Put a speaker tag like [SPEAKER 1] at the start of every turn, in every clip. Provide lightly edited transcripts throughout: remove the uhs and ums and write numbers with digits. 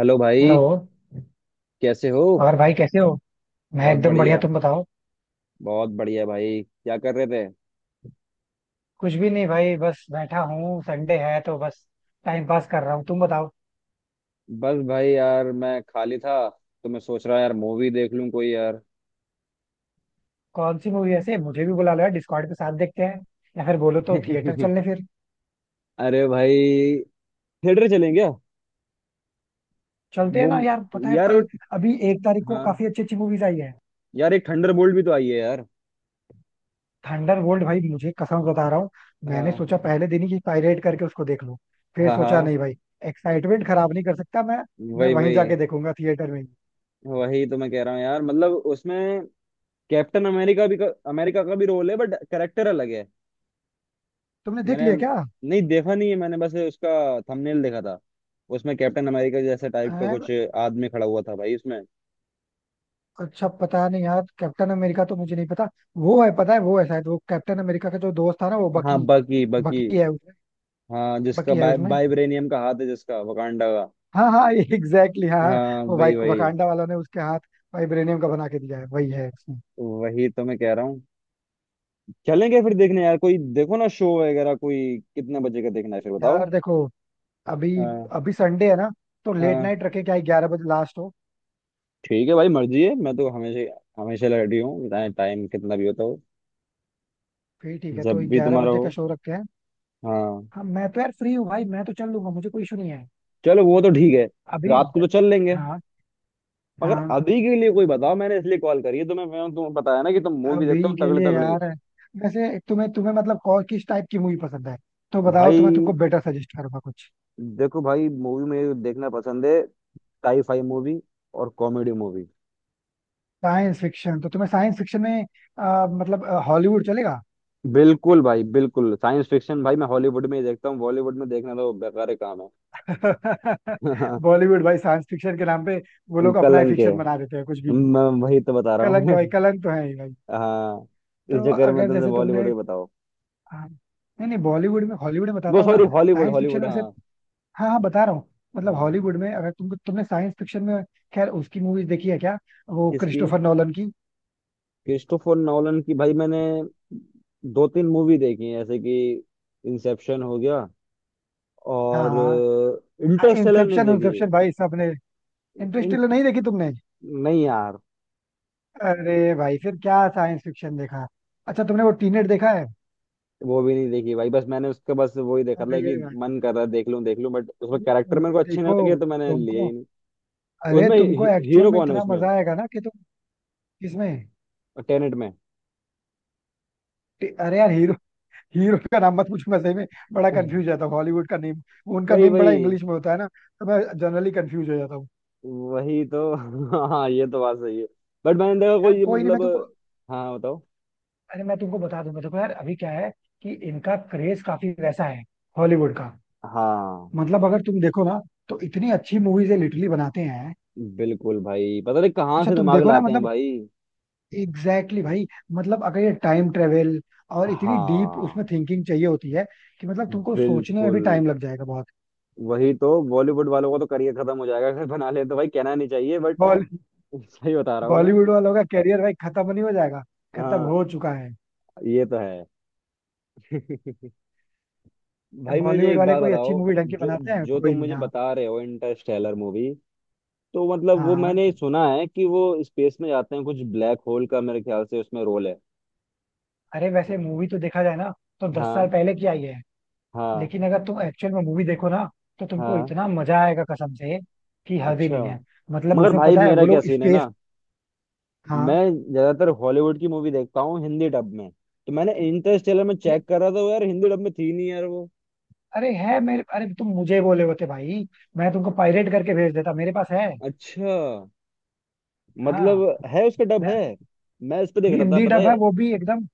[SPEAKER 1] Hello भाई।
[SPEAKER 2] Hello.
[SPEAKER 1] कैसे हो।
[SPEAKER 2] और भाई कैसे हो? मैं
[SPEAKER 1] बहुत
[SPEAKER 2] एकदम बढ़िया,
[SPEAKER 1] बढ़िया।
[SPEAKER 2] तुम बताओ।
[SPEAKER 1] बहुत बढ़िया भाई क्या कर रहे थे।
[SPEAKER 2] कुछ भी नहीं भाई, बस बैठा हूँ, संडे है तो बस टाइम पास कर रहा हूँ, तुम बताओ।
[SPEAKER 1] बस भाई यार मैं खाली था तो मैं सोच रहा यार मूवी देख लूं कोई यार।
[SPEAKER 2] कौन सी मूवी? ऐसे मुझे भी बुला लो यार डिस्कॉर्ड पे, साथ देखते हैं। या फिर बोलो तो थिएटर चलने फिर।
[SPEAKER 1] अरे भाई। थिएटर चलें क्या।
[SPEAKER 2] चलते हैं
[SPEAKER 1] वो
[SPEAKER 2] ना यार, पता है
[SPEAKER 1] यार वो।
[SPEAKER 2] कल अभी एक तारीख को
[SPEAKER 1] हाँ
[SPEAKER 2] काफी अच्छी अच्छी मूवीज आई है।
[SPEAKER 1] यार एक थंडर बोल्ट भी तो आई है यार।
[SPEAKER 2] थंडरबोल्ट भाई, मुझे कसम बता रहा हूँ, मैंने
[SPEAKER 1] हाँ
[SPEAKER 2] सोचा पहले दिन ही कि पायरेट करके उसको देख लूं। फिर
[SPEAKER 1] हाँ
[SPEAKER 2] सोचा
[SPEAKER 1] हाँ,
[SPEAKER 2] नहीं भाई, एक्साइटमेंट खराब नहीं कर सकता मैं। मैं
[SPEAKER 1] वही
[SPEAKER 2] वहीं
[SPEAKER 1] वही।
[SPEAKER 2] जाके देखूंगा थिएटर में ही।
[SPEAKER 1] वही तो मैं कह रहा हूँ यार, मतलब उसमें कैप्टन अमेरिका भी का, अमेरिका का भी रोल है बट करेक्टर अलग है।
[SPEAKER 2] तुमने देख
[SPEAKER 1] मैंने
[SPEAKER 2] लिया
[SPEAKER 1] नहीं देखा नहीं है, मैंने बस उसका थंबनेल देखा था। उसमें कैप्टन अमेरिका जैसे टाइप का
[SPEAKER 2] क्या?
[SPEAKER 1] कुछ आदमी खड़ा हुआ था भाई उसमें।
[SPEAKER 2] अच्छा पता नहीं यार, कैप्टन अमेरिका तो मुझे नहीं पता। वो है, पता है वो है, शायद वो कैप्टन अमेरिका का जो दोस्त था ना, वो
[SPEAKER 1] हाँ,
[SPEAKER 2] बकी।
[SPEAKER 1] बकी बकी।
[SPEAKER 2] बकी है उसमें।
[SPEAKER 1] हाँ, जिसका
[SPEAKER 2] बकी है
[SPEAKER 1] बाइ,
[SPEAKER 2] उसमें।
[SPEAKER 1] बाइब्रेनियम का हाथ है, जिसका वकांडा का।
[SPEAKER 2] हाँ हाँ एग्जैक्टली हाँ हाँ,
[SPEAKER 1] हाँ
[SPEAKER 2] वो वाई
[SPEAKER 1] वही वही।
[SPEAKER 2] वकांडा वालों ने उसके हाथ वाइब्रेनियम का बना के दिया है, वही है उसमें।
[SPEAKER 1] वही तो मैं कह रहा हूँ। चलेंगे फिर देखने यार, कोई देखो ना शो वगैरह, कोई कितने बजे का देखना है फिर बताओ।
[SPEAKER 2] यार देखो, अभी
[SPEAKER 1] हाँ
[SPEAKER 2] अभी संडे है ना, तो लेट
[SPEAKER 1] हाँ,
[SPEAKER 2] नाइट रखे क्या, 11 बजे लास्ट हो।
[SPEAKER 1] ठीक है भाई, मर्जी है। मैं तो हमेशा हमेशा रेडी हूँ, चाहे टाइम कितना भी होता हो।
[SPEAKER 2] फिर ठीक है, तो
[SPEAKER 1] जब भी
[SPEAKER 2] ग्यारह
[SPEAKER 1] तुम्हारा
[SPEAKER 2] बजे का
[SPEAKER 1] हो।
[SPEAKER 2] शो रखते हैं।
[SPEAKER 1] हाँ,
[SPEAKER 2] हाँ मैं तो यार फ्री हूँ भाई, मैं तो चल लूंगा, मुझे कोई इशू नहीं है।
[SPEAKER 1] चलो वो तो ठीक है।
[SPEAKER 2] अभी
[SPEAKER 1] रात को तो चल लेंगे।
[SPEAKER 2] हाँ
[SPEAKER 1] मगर
[SPEAKER 2] हाँ,
[SPEAKER 1] अभी के लिए कोई बताओ, मैंने इसलिए कॉल करी है तुम्हें, मैं तुम्हें बताया ना कि तुम मूवी देखते
[SPEAKER 2] अभी
[SPEAKER 1] हो
[SPEAKER 2] के
[SPEAKER 1] तगड़े
[SPEAKER 2] लिए
[SPEAKER 1] तगड़े।
[SPEAKER 2] यार, वैसे तुम्हें तुम्हें मतलब और किस टाइप की मूवी पसंद है, तो बताओ तो मैं
[SPEAKER 1] भाई
[SPEAKER 2] तुमको बेटर सजेस्ट करूंगा कुछ।
[SPEAKER 1] देखो भाई, मूवी मुझे देखना पसंद है। साई फाई मूवी और कॉमेडी मूवी।
[SPEAKER 2] साइंस फिक्शन, तो तुम्हें साइंस फिक्शन में मतलब हॉलीवुड चलेगा?
[SPEAKER 1] बिल्कुल भाई, बिल्कुल साइंस फिक्शन। भाई मैं हॉलीवुड में ही देखता हूँ, बॉलीवुड में देखना तो बेकार काम है।
[SPEAKER 2] बॉलीवुड भाई साइंस फिक्शन के नाम पे वो लोग अपना ही
[SPEAKER 1] कलंक है।
[SPEAKER 2] फिक्शन बना देते हैं कुछ भी।
[SPEAKER 1] मैं वही तो बता रहा
[SPEAKER 2] कलंक है
[SPEAKER 1] हूँ।
[SPEAKER 2] भाई, कलंक तो है ही भाई।
[SPEAKER 1] हाँ, इस
[SPEAKER 2] तो
[SPEAKER 1] चक्कर में
[SPEAKER 2] अगर
[SPEAKER 1] तुमसे
[SPEAKER 2] जैसे
[SPEAKER 1] बॉलीवुड
[SPEAKER 2] तुमने,
[SPEAKER 1] भी बताओ।
[SPEAKER 2] हाँ, नहीं नहीं, बॉलीवुड में, हॉलीवुड में
[SPEAKER 1] वो
[SPEAKER 2] बताता हूँ ना,
[SPEAKER 1] sorry, Hollywood
[SPEAKER 2] science fiction
[SPEAKER 1] Hollywood,
[SPEAKER 2] में से।
[SPEAKER 1] हाँ।
[SPEAKER 2] हाँ हाँ, बता रहा हूँ। मतलब
[SPEAKER 1] हाँ
[SPEAKER 2] हॉलीवुड में अगर तुमको, तुमने साइंस फिक्शन में, खैर उसकी मूवीज देखी है क्या, वो
[SPEAKER 1] किसकी।
[SPEAKER 2] क्रिस्टोफर नॉलन की?
[SPEAKER 1] क्रिस्टोफर नॉलन की भाई, मैंने दो तीन मूवी देखी है जैसे कि इंसेप्शन हो गया और
[SPEAKER 2] हाँ हाँ,
[SPEAKER 1] इंटरस्टेलर नहीं
[SPEAKER 2] इंसेप्शन,
[SPEAKER 1] देखी।
[SPEAKER 2] इंसेप्शन भाई सबने। इंटरस्टेलर
[SPEAKER 1] इंट
[SPEAKER 2] नहीं देखी तुमने?
[SPEAKER 1] नहीं यार,
[SPEAKER 2] अरे भाई फिर क्या साइंस फिक्शन देखा। अच्छा तुमने वो टीनेट देखा है?
[SPEAKER 1] वो भी नहीं देखी भाई। बस मैंने उसका बस वो ही देखा था कि
[SPEAKER 2] अरे
[SPEAKER 1] मन
[SPEAKER 2] भाई
[SPEAKER 1] कर रहा है देख लूं देख लूं, बट उसमें कैरेक्टर मेरे
[SPEAKER 2] मूवी
[SPEAKER 1] को अच्छे नहीं
[SPEAKER 2] देखो,
[SPEAKER 1] लगे तो मैंने लिए
[SPEAKER 2] तुमको,
[SPEAKER 1] ही नहीं।
[SPEAKER 2] अरे तुमको एक्चुअल
[SPEAKER 1] हीरो
[SPEAKER 2] में
[SPEAKER 1] कौन है
[SPEAKER 2] इतना
[SPEAKER 1] उसमें।
[SPEAKER 2] मजा आएगा ना कि तुम। किसमें?
[SPEAKER 1] टेनेट में।
[SPEAKER 2] अरे यार हीरो, हीरो का नाम मत पूछो, मैं सही में बड़ा कंफ्यूज जाता हूँ हॉलीवुड का नेम। उनका
[SPEAKER 1] वही
[SPEAKER 2] नेम बड़ा
[SPEAKER 1] वही।
[SPEAKER 2] इंग्लिश में होता है ना, तो मैं जनरली कंफ्यूज हो जाता हूँ।
[SPEAKER 1] वही तो। हाँ, ये तो बात सही है। बट मैंने देखा
[SPEAKER 2] यार
[SPEAKER 1] कोई
[SPEAKER 2] कोई नहीं, मैं
[SPEAKER 1] मतलब।
[SPEAKER 2] तुमको,
[SPEAKER 1] हाँ बताओ।
[SPEAKER 2] अरे मैं तुमको बता दूंगा। देखो यार अभी क्या है कि इनका क्रेज काफी वैसा है हॉलीवुड का।
[SPEAKER 1] हाँ
[SPEAKER 2] मतलब अगर तुम देखो ना, तो इतनी अच्छी मूवीज ये लिटरली बनाते हैं।
[SPEAKER 1] बिल्कुल भाई, पता नहीं कहाँ
[SPEAKER 2] अच्छा
[SPEAKER 1] से
[SPEAKER 2] तुम
[SPEAKER 1] दिमाग
[SPEAKER 2] देखो ना
[SPEAKER 1] लाते हैं
[SPEAKER 2] मतलब,
[SPEAKER 1] भाई।
[SPEAKER 2] एग्जैक्टली exactly भाई, मतलब अगर ये टाइम ट्रेवल, और इतनी डीप उसमें
[SPEAKER 1] हाँ
[SPEAKER 2] थिंकिंग चाहिए होती है कि मतलब तुमको सोचने में
[SPEAKER 1] बिल्कुल।
[SPEAKER 2] भी टाइम लग जाएगा बहुत।
[SPEAKER 1] वही तो, बॉलीवुड वालों का तो करियर खत्म हो जाएगा अगर बना ले तो। भाई कहना नहीं चाहिए बट।
[SPEAKER 2] बॉल
[SPEAKER 1] सही बता रहा हूँ मैं।
[SPEAKER 2] बॉलीवुड वालों का करियर भाई खत्म नहीं हो जाएगा, खत्म
[SPEAKER 1] हाँ
[SPEAKER 2] हो चुका है।
[SPEAKER 1] ये तो है। भाई मुझे
[SPEAKER 2] बॉलीवुड
[SPEAKER 1] एक
[SPEAKER 2] वाले
[SPEAKER 1] बात
[SPEAKER 2] कोई
[SPEAKER 1] बताओ।
[SPEAKER 2] अच्छी मूवी ढंग की
[SPEAKER 1] जो
[SPEAKER 2] बनाते हैं,
[SPEAKER 1] जो तुम
[SPEAKER 2] कोई नहीं।
[SPEAKER 1] मुझे
[SPEAKER 2] हाँ
[SPEAKER 1] बता रहे हो इंटरस्टेलर मूवी, तो मतलब वो
[SPEAKER 2] हाँ हाँ।
[SPEAKER 1] मैंने सुना है कि वो स्पेस में जाते हैं, कुछ ब्लैक होल का मेरे ख्याल से उसमें रोल है।
[SPEAKER 2] अरे वैसे मूवी तो देखा जाए ना तो 10 साल
[SPEAKER 1] हाँ
[SPEAKER 2] पहले की आई है।
[SPEAKER 1] हाँ
[SPEAKER 2] लेकिन अगर तुम एक्चुअल में मूवी देखो ना, तो तुमको
[SPEAKER 1] हाँ।
[SPEAKER 2] इतना मजा आएगा कसम से कि हद ही
[SPEAKER 1] अच्छा।
[SPEAKER 2] नहीं है। मतलब
[SPEAKER 1] मगर
[SPEAKER 2] उसमें
[SPEAKER 1] भाई
[SPEAKER 2] पता है वो
[SPEAKER 1] मेरा क्या
[SPEAKER 2] लोग
[SPEAKER 1] सीन है
[SPEAKER 2] स्पेस,
[SPEAKER 1] ना,
[SPEAKER 2] हाँ,
[SPEAKER 1] मैं ज्यादातर हॉलीवुड की मूवी देखता हूँ हिंदी डब में। तो मैंने इंटरस्टेलर में
[SPEAKER 2] ये-
[SPEAKER 1] चेक करा था, वो यार हिंदी डब में थी नहीं यार वो।
[SPEAKER 2] अरे है मेरे, अरे तुम मुझे बोले होते भाई, मैं तुमको पायरेट करके भेज देता, मेरे पास है।
[SPEAKER 1] अच्छा,
[SPEAKER 2] हाँ,
[SPEAKER 1] मतलब है, उसका डब
[SPEAKER 2] मैं
[SPEAKER 1] है। मैं इस पे देख रहा था,
[SPEAKER 2] हिंदी
[SPEAKER 1] पता
[SPEAKER 2] डब है
[SPEAKER 1] है।
[SPEAKER 2] वो भी, एकदम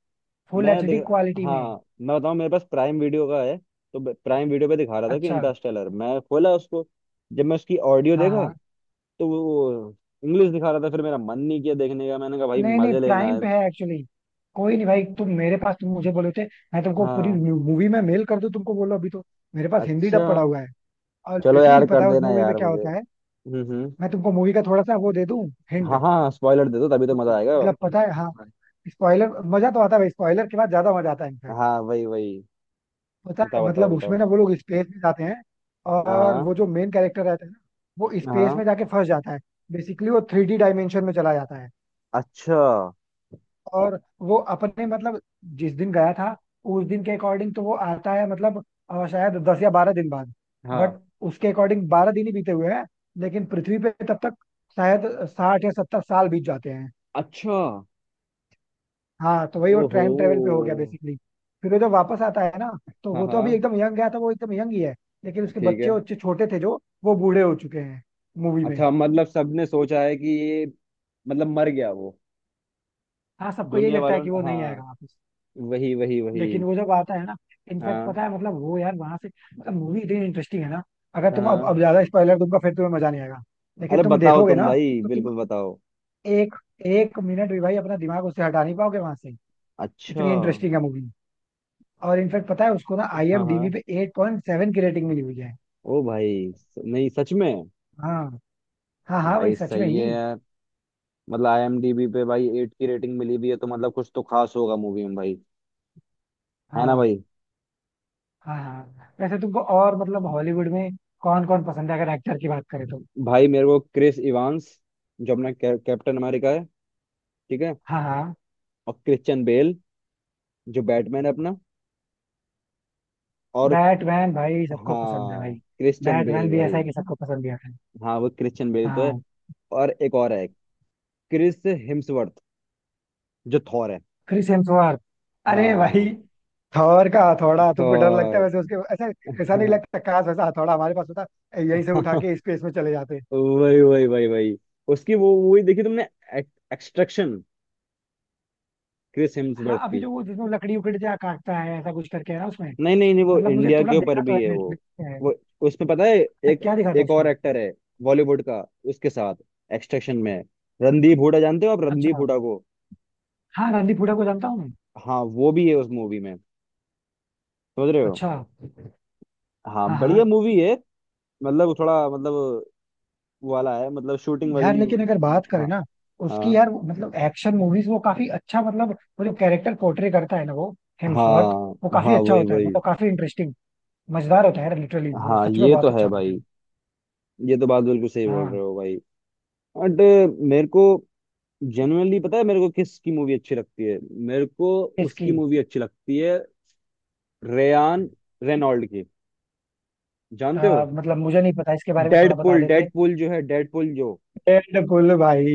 [SPEAKER 2] फुल
[SPEAKER 1] मैं
[SPEAKER 2] एचडी
[SPEAKER 1] देख
[SPEAKER 2] क्वालिटी में।
[SPEAKER 1] हाँ, मैं बताऊँ, मेरे पास प्राइम वीडियो का है। तो प्राइम वीडियो पे दिखा रहा था कि
[SPEAKER 2] अच्छा,
[SPEAKER 1] इंटरस्टेलर, मैं खोला उसको। जब मैं उसकी ऑडियो
[SPEAKER 2] हाँ
[SPEAKER 1] देखा,
[SPEAKER 2] हाँ,
[SPEAKER 1] तो वो इंग्लिश दिखा रहा था। फिर मेरा मन नहीं किया देखने का, मैंने कहा भाई
[SPEAKER 2] नहीं नहीं,
[SPEAKER 1] मजे लेना
[SPEAKER 2] प्राइम
[SPEAKER 1] है।
[SPEAKER 2] पे है एक्चुअली। कोई नहीं भाई, तुम मेरे पास, तुम मुझे बोले थे, मैं तुमको पूरी
[SPEAKER 1] हाँ।
[SPEAKER 2] मूवी में मेल कर दूं, तुमको बोलो अभी तो। मेरे पास हिंदी
[SPEAKER 1] अच्छा।
[SPEAKER 2] डब पड़ा हुआ है। और
[SPEAKER 1] चलो
[SPEAKER 2] लिटरली
[SPEAKER 1] यार
[SPEAKER 2] पता
[SPEAKER 1] कर
[SPEAKER 2] है उस
[SPEAKER 1] देना
[SPEAKER 2] मूवी में
[SPEAKER 1] यार
[SPEAKER 2] क्या
[SPEAKER 1] मुझे।
[SPEAKER 2] होता है।
[SPEAKER 1] हम्म।
[SPEAKER 2] मैं तुमको मूवी का थोड़ा सा वो दे दूं,
[SPEAKER 1] हाँ
[SPEAKER 2] हिंट।
[SPEAKER 1] हाँ, स्पॉइलर दे दो तभी तो मजा आएगा।
[SPEAKER 2] मतलब पता है हाँ, स्पॉइलर, मजा तो आता है, स्पॉइलर के बाद ज्यादा मजा आता है इनफैक्ट।
[SPEAKER 1] हाँ वही वही।
[SPEAKER 2] पता है
[SPEAKER 1] बताओ
[SPEAKER 2] मतलब
[SPEAKER 1] बताओ
[SPEAKER 2] उसमें
[SPEAKER 1] बताओ।
[SPEAKER 2] ना वो लोग स्पेस में जाते हैं, और
[SPEAKER 1] हाँ
[SPEAKER 2] वो जो मेन कैरेक्टर रहता है ना, वो स्पेस
[SPEAKER 1] हाँ।
[SPEAKER 2] में जाके फंस जाता है। बेसिकली वो थ्री डी डायमेंशन में चला जाता है।
[SPEAKER 1] अच्छा।
[SPEAKER 2] और वो अपने मतलब जिस दिन गया था, उस दिन के अकॉर्डिंग तो वो आता है मतलब, शायद 10 या 12 दिन बाद।
[SPEAKER 1] हाँ।
[SPEAKER 2] बट उसके अकॉर्डिंग 12 दिन ही बीते हुए हैं, लेकिन पृथ्वी पे तब तक शायद 60 या 70 साल बीत जाते हैं।
[SPEAKER 1] अच्छा।
[SPEAKER 2] हाँ, तो वही वो
[SPEAKER 1] ओहो।
[SPEAKER 2] टाइम ट्रेवल पे हो गया बेसिकली। फिर वो जब वापस आता है ना, तो
[SPEAKER 1] हाँ
[SPEAKER 2] वो तो अभी
[SPEAKER 1] हाँ,
[SPEAKER 2] एकदम यंग गया था, वो एकदम यंग ही है। लेकिन उसके
[SPEAKER 1] ठीक
[SPEAKER 2] बच्चे
[SPEAKER 1] है।
[SPEAKER 2] उच्चे छोटे थे जो, वो बूढ़े हो चुके हैं मूवी में।
[SPEAKER 1] अच्छा, मतलब सबने सोचा है कि ये मतलब मर गया वो।
[SPEAKER 2] हाँ, सबको यही
[SPEAKER 1] दुनिया
[SPEAKER 2] लगता है
[SPEAKER 1] वालों
[SPEAKER 2] कि
[SPEAKER 1] ने,
[SPEAKER 2] वो नहीं
[SPEAKER 1] हाँ।
[SPEAKER 2] आएगा वापस।
[SPEAKER 1] वही वही वही।
[SPEAKER 2] लेकिन वो जब आता है ना, इनफैक्ट
[SPEAKER 1] हाँ
[SPEAKER 2] पता है मतलब वो यार वहां से, मतलब मूवी इतनी इंटरेस्टिंग है ना, अगर तुम, अब
[SPEAKER 1] हाँ,
[SPEAKER 2] अब ज्यादा स्पॉइलर दूंगा फिर तुम्हें मजा नहीं आएगा।
[SPEAKER 1] अरे
[SPEAKER 2] लेकिन तुम
[SPEAKER 1] बताओ
[SPEAKER 2] देखोगे
[SPEAKER 1] तुम
[SPEAKER 2] ना
[SPEAKER 1] भाई,
[SPEAKER 2] तो तुम
[SPEAKER 1] बिल्कुल बताओ।
[SPEAKER 2] एक एक मिनट भी भाई अपना दिमाग उससे हटा नहीं पाओगे वहां से।
[SPEAKER 1] अच्छा
[SPEAKER 2] इतनी
[SPEAKER 1] हाँ।
[SPEAKER 2] इंटरेस्टिंग है मूवी। और इनफैक्ट पता है उसको ना आईएमडीबी
[SPEAKER 1] हाँ
[SPEAKER 2] पे 8.7 की रेटिंग मिली हुई है।
[SPEAKER 1] ओ भाई, नहीं सच में।
[SPEAKER 2] हाँ हाँ, हाँ
[SPEAKER 1] भाई
[SPEAKER 2] भाई सच में
[SPEAKER 1] सही
[SPEAKER 2] ही।
[SPEAKER 1] है। मतलब आईएमडीबी पे भाई एट की रेटिंग मिली भी है तो मतलब कुछ तो खास होगा मूवी में भाई। है ना
[SPEAKER 2] हाँ
[SPEAKER 1] भाई।
[SPEAKER 2] हाँ हाँ, वैसे तुमको और मतलब हॉलीवुड में कौन कौन पसंद है अगर एक्टर की बात करें तो?
[SPEAKER 1] भाई मेरे को क्रिस इवांस, जो अपना कैप्टन अमेरिका है। ठीक है।
[SPEAKER 2] हाँ हाँ,
[SPEAKER 1] और क्रिश्चियन बेल, जो बैटमैन है अपना। और
[SPEAKER 2] बैटमैन भाई सबको पसंद है भाई।
[SPEAKER 1] हाँ, क्रिश्चियन
[SPEAKER 2] बैटमैन
[SPEAKER 1] बेल
[SPEAKER 2] भी ऐसा
[SPEAKER 1] भाई।
[SPEAKER 2] है कि सबको पसंद भी आता है।
[SPEAKER 1] हाँ, वो क्रिश्चियन बेल तो है।
[SPEAKER 2] हाँ,
[SPEAKER 1] और एक और है, क्रिस हिम्सवर्थ, जो थॉर है।
[SPEAKER 2] क्रिस हेम्सवर्थ, अरे भाई,
[SPEAKER 1] हाँ
[SPEAKER 2] थॉर का हथौड़ा, तुमको डर लगता है
[SPEAKER 1] थॉर।
[SPEAKER 2] वैसे उसके, ऐसा ऐसा नहीं लगता काश वैसा हथौड़ा हमारे पास होता, यहीं से उठा के स्पेस में चले जाते।
[SPEAKER 1] वही वही वही वही। उसकी वो मूवी देखी तुमने, एक्सट्रैक्शन, क्रिस
[SPEAKER 2] हाँ
[SPEAKER 1] हिम्सवर्थ
[SPEAKER 2] अभी
[SPEAKER 1] की।
[SPEAKER 2] जो वो जिसमें लकड़ी उकड़ी से काटता है ऐसा कुछ करके, है ना उसमें?
[SPEAKER 1] नहीं नहीं नहीं, वो
[SPEAKER 2] मतलब मुझे
[SPEAKER 1] इंडिया
[SPEAKER 2] थोड़ा
[SPEAKER 1] के ऊपर
[SPEAKER 2] देखा तो
[SPEAKER 1] भी
[SPEAKER 2] है,
[SPEAKER 1] है वो।
[SPEAKER 2] नेटफ्लिक्स पे है।
[SPEAKER 1] वो उसमें पता है,
[SPEAKER 2] अच्छा
[SPEAKER 1] एक
[SPEAKER 2] क्या दिखा था
[SPEAKER 1] एक और
[SPEAKER 2] उसमें?
[SPEAKER 1] एक्टर है बॉलीवुड का उसके साथ, एक्सट्रैक्शन में, रणदीप हुडा, जानते हो आप रणदीप
[SPEAKER 2] अच्छा,
[SPEAKER 1] हुडा को।
[SPEAKER 2] हाँ रणदीप हुडा को जानता हूँ मैं।
[SPEAKER 1] हाँ, वो भी है उस मूवी में। समझ रहे हो।
[SPEAKER 2] अच्छा,
[SPEAKER 1] हाँ,
[SPEAKER 2] हाँ
[SPEAKER 1] बढ़िया
[SPEAKER 2] हाँ,
[SPEAKER 1] मूवी है। मतलब थोड़ा, मतलब वाला है, मतलब शूटिंग
[SPEAKER 2] यार लेकिन अगर
[SPEAKER 1] वगैरह।
[SPEAKER 2] बात करें
[SPEAKER 1] हाँ
[SPEAKER 2] ना उसकी
[SPEAKER 1] हाँ
[SPEAKER 2] यार, मतलब एक्शन मूवीज वो काफी अच्छा मतलब, वो जो कैरेक्टर पोर्ट्रे करता है ना वो, हेम्सवर्थ,
[SPEAKER 1] हाँ
[SPEAKER 2] वो काफी
[SPEAKER 1] हाँ
[SPEAKER 2] अच्छा
[SPEAKER 1] वही
[SPEAKER 2] होता है,
[SPEAKER 1] वही।
[SPEAKER 2] मतलब काफी इंटरेस्टिंग मजेदार होता है यार, लिटरली वो
[SPEAKER 1] हाँ,
[SPEAKER 2] सच में
[SPEAKER 1] ये
[SPEAKER 2] बहुत
[SPEAKER 1] तो है
[SPEAKER 2] अच्छा होता
[SPEAKER 1] भाई।
[SPEAKER 2] है।
[SPEAKER 1] ये तो बात बिल्कुल सही बोल रहे
[SPEAKER 2] हाँ,
[SPEAKER 1] हो भाई। बट मेरे को जनरली, पता है मेरे को किसकी मूवी अच्छी लगती है, मेरे को
[SPEAKER 2] इसकी,
[SPEAKER 1] उसकी मूवी अच्छी लगती है, रेयान रेनॉल्ड की, जानते हो।
[SPEAKER 2] मतलब मुझे नहीं पता इसके बारे में थोड़ा बता
[SPEAKER 1] डेडपुल,
[SPEAKER 2] देते।
[SPEAKER 1] डेडपुल जो है, डेडपुल जो
[SPEAKER 2] डेडपुल भाई,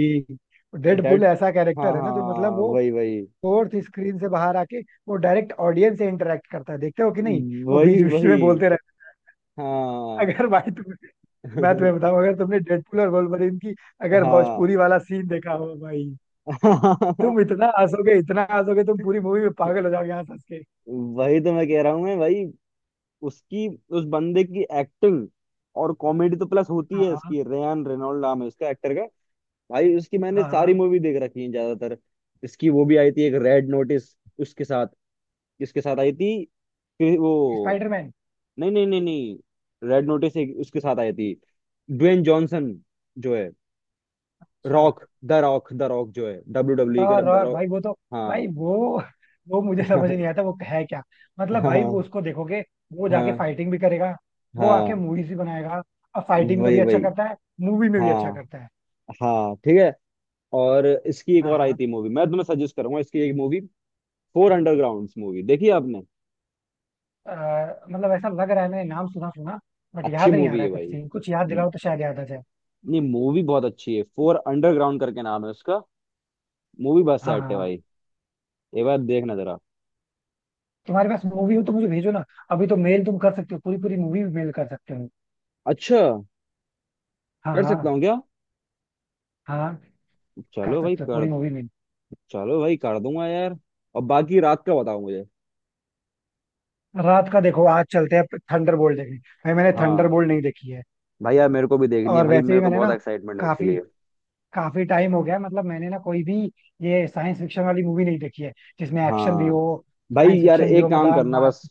[SPEAKER 2] डेडपुल
[SPEAKER 1] डेड
[SPEAKER 2] ऐसा
[SPEAKER 1] हाँ
[SPEAKER 2] कैरेक्टर है
[SPEAKER 1] हाँ,
[SPEAKER 2] ना जो मतलब वो
[SPEAKER 1] वही वही
[SPEAKER 2] फोर्थ स्क्रीन से बाहर आके वो डायरेक्ट ऑडियंस से इंटरेक्ट करता है, देखते हो कि नहीं, वो
[SPEAKER 1] वही
[SPEAKER 2] बीच बीच
[SPEAKER 1] वही।
[SPEAKER 2] में बोलते रहते।
[SPEAKER 1] हाँ।
[SPEAKER 2] अगर भाई तुम, मैं तुम्हें बताऊं, अगर तुमने डेडपुल और वोल्वरिन की अगर
[SPEAKER 1] हाँ।
[SPEAKER 2] भोजपुरी वाला सीन देखा हो भाई, तुम इतना हंसोगे, इतना हंसोगे, तुम पूरी मूवी में पागल हो जाओगे यहाँ हंस के।
[SPEAKER 1] वही तो मैं कह रहा हूँ मैं भाई। उसकी उस बंदे की एक्टिंग और कॉमेडी तो प्लस होती है
[SPEAKER 2] हाँ
[SPEAKER 1] इसकी। रेयान रेनॉल्ड नाम है उसका, एक्टर का। भाई उसकी मैंने
[SPEAKER 2] हाँ
[SPEAKER 1] सारी
[SPEAKER 2] हाँ,
[SPEAKER 1] मूवी देख रखी है ज्यादातर। इसकी वो भी आई थी एक, रेड नोटिस, उसके साथ, इसके साथ आई थी। फिर वो
[SPEAKER 2] स्पाइडरमैन।
[SPEAKER 1] नहीं नहीं नहीं नहीं, रेड नोटिस एक उसके साथ आई थी, ड्वेन जॉनसन जो है,
[SPEAKER 2] अच्छा,
[SPEAKER 1] Rock, the Rock, the Rock जो है डब्ल्यू
[SPEAKER 2] द
[SPEAKER 1] डब्ल्यू का द
[SPEAKER 2] रॉक
[SPEAKER 1] रॉक।
[SPEAKER 2] भाई, वो तो,
[SPEAKER 1] हाँ।
[SPEAKER 2] भाई वो मुझे समझ नहीं आता वो है क्या। मतलब भाई वो,
[SPEAKER 1] हाँ
[SPEAKER 2] उसको देखोगे, वो जाके
[SPEAKER 1] हाँ
[SPEAKER 2] फाइटिंग भी करेगा, वो आके
[SPEAKER 1] हाँ
[SPEAKER 2] मूवीज भी बनाएगा, और फाइटिंग में
[SPEAKER 1] वही
[SPEAKER 2] भी अच्छा
[SPEAKER 1] वही।
[SPEAKER 2] करता है, मूवी में भी अच्छा
[SPEAKER 1] हाँ
[SPEAKER 2] करता है।
[SPEAKER 1] हाँ ठीक है। और इसकी एक
[SPEAKER 2] हाँ
[SPEAKER 1] और आई
[SPEAKER 2] हाँ,
[SPEAKER 1] थी मूवी, मैं तुम्हें सजेस्ट करूंगा इसकी एक मूवी। फोर अंडरग्राउंड, मूवी देखी है आपने।
[SPEAKER 2] अ, मतलब ऐसा लग रहा है मैंने नाम सुना सुना, बट
[SPEAKER 1] अच्छी
[SPEAKER 2] याद नहीं आ
[SPEAKER 1] मूवी
[SPEAKER 2] रहा
[SPEAKER 1] है
[SPEAKER 2] है कुछ,
[SPEAKER 1] भाई।
[SPEAKER 2] सीन कुछ याद दिलाओ तो शायद याद आ जाए।
[SPEAKER 1] नहीं, मूवी बहुत अच्छी है, फोर अंडरग्राउंड करके नाम है उसका। मूवी बहुत
[SPEAKER 2] हाँ हाँ
[SPEAKER 1] सेट है
[SPEAKER 2] हाँ।
[SPEAKER 1] भाई। एक बार देखना जरा।
[SPEAKER 2] तुम्हारे पास मूवी हो तो मुझे भेजो ना। अभी तो मेल तुम कर सकते हो, पूरी पूरी मूवी मेल कर सकते हो।
[SPEAKER 1] अच्छा,
[SPEAKER 2] हाँ
[SPEAKER 1] कर
[SPEAKER 2] हाँ,
[SPEAKER 1] सकता हूँ क्या।
[SPEAKER 2] हाँ कर
[SPEAKER 1] चलो भाई
[SPEAKER 2] सकते हो
[SPEAKER 1] कर।
[SPEAKER 2] पूरी मूवी मेल।
[SPEAKER 1] चलो भाई कर दूंगा यार। और बाकी रात का बताओ मुझे।
[SPEAKER 2] रात का देखो, आज चलते हैं थंडरबोल्ट देखने, भाई मैंने
[SPEAKER 1] हाँ
[SPEAKER 2] थंडरबोल्ट नहीं देखी है।
[SPEAKER 1] भाई यार, मेरे को भी देखनी है
[SPEAKER 2] और
[SPEAKER 1] भाई,
[SPEAKER 2] वैसे
[SPEAKER 1] मेरे
[SPEAKER 2] भी
[SPEAKER 1] को
[SPEAKER 2] मैंने
[SPEAKER 1] बहुत
[SPEAKER 2] ना
[SPEAKER 1] एक्साइटमेंट है उसके
[SPEAKER 2] काफी
[SPEAKER 1] लिए।
[SPEAKER 2] काफी टाइम हो गया है, मतलब मैंने ना कोई भी ये साइंस फिक्शन वाली मूवी नहीं देखी है जिसमें एक्शन भी
[SPEAKER 1] हाँ
[SPEAKER 2] हो,
[SPEAKER 1] भाई
[SPEAKER 2] साइंस
[SPEAKER 1] यार,
[SPEAKER 2] फिक्शन भी हो,
[SPEAKER 1] एक काम
[SPEAKER 2] मतलब
[SPEAKER 1] करना
[SPEAKER 2] मार।
[SPEAKER 1] बस।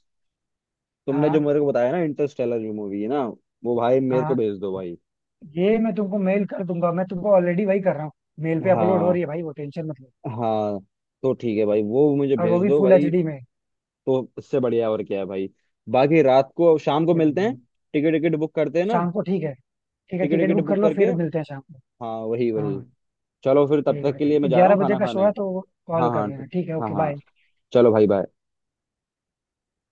[SPEAKER 1] तुमने जो
[SPEAKER 2] हाँ
[SPEAKER 1] मेरे को बताया ना, इंटरस्टेलर जो मूवी है ना, वो भाई मेरे को
[SPEAKER 2] हाँ,
[SPEAKER 1] भेज दो भाई।
[SPEAKER 2] ये मैं तुमको मेल कर दूंगा, मैं तुमको ऑलरेडी वही कर रहा हूँ, मेल पे अपलोड हो
[SPEAKER 1] हाँ
[SPEAKER 2] रही है भाई, वो टेंशन मत लो।
[SPEAKER 1] हाँ, तो ठीक है भाई, वो मुझे
[SPEAKER 2] और वो
[SPEAKER 1] भेज
[SPEAKER 2] भी
[SPEAKER 1] दो
[SPEAKER 2] फुल एच
[SPEAKER 1] भाई।
[SPEAKER 2] डी में
[SPEAKER 1] तो इससे बढ़िया और क्या है भाई। बाकी रात को शाम को
[SPEAKER 2] भेज
[SPEAKER 1] मिलते
[SPEAKER 2] दूंगा
[SPEAKER 1] हैं।
[SPEAKER 2] मैं।
[SPEAKER 1] टिकट, टिकट बुक करते हैं ना।
[SPEAKER 2] शाम को ठीक है, ठीक है
[SPEAKER 1] टिकट,
[SPEAKER 2] टिकट
[SPEAKER 1] टिकट
[SPEAKER 2] बुक कर
[SPEAKER 1] बुक
[SPEAKER 2] लो,
[SPEAKER 1] करके।
[SPEAKER 2] फिर मिलते हैं शाम को।
[SPEAKER 1] हाँ वही
[SPEAKER 2] हाँ
[SPEAKER 1] वही। चलो फिर तब
[SPEAKER 2] ठीक
[SPEAKER 1] तक के लिए मैं
[SPEAKER 2] है,
[SPEAKER 1] जा रहा
[SPEAKER 2] ग्यारह
[SPEAKER 1] हूँ
[SPEAKER 2] बजे
[SPEAKER 1] खाना
[SPEAKER 2] का शो
[SPEAKER 1] खाने।
[SPEAKER 2] है तो
[SPEAKER 1] हाँ
[SPEAKER 2] कॉल कर
[SPEAKER 1] हाँ।
[SPEAKER 2] लेना, ठीक है
[SPEAKER 1] हाँ
[SPEAKER 2] ओके
[SPEAKER 1] हाँ,
[SPEAKER 2] बाय।
[SPEAKER 1] चलो भाई बाय।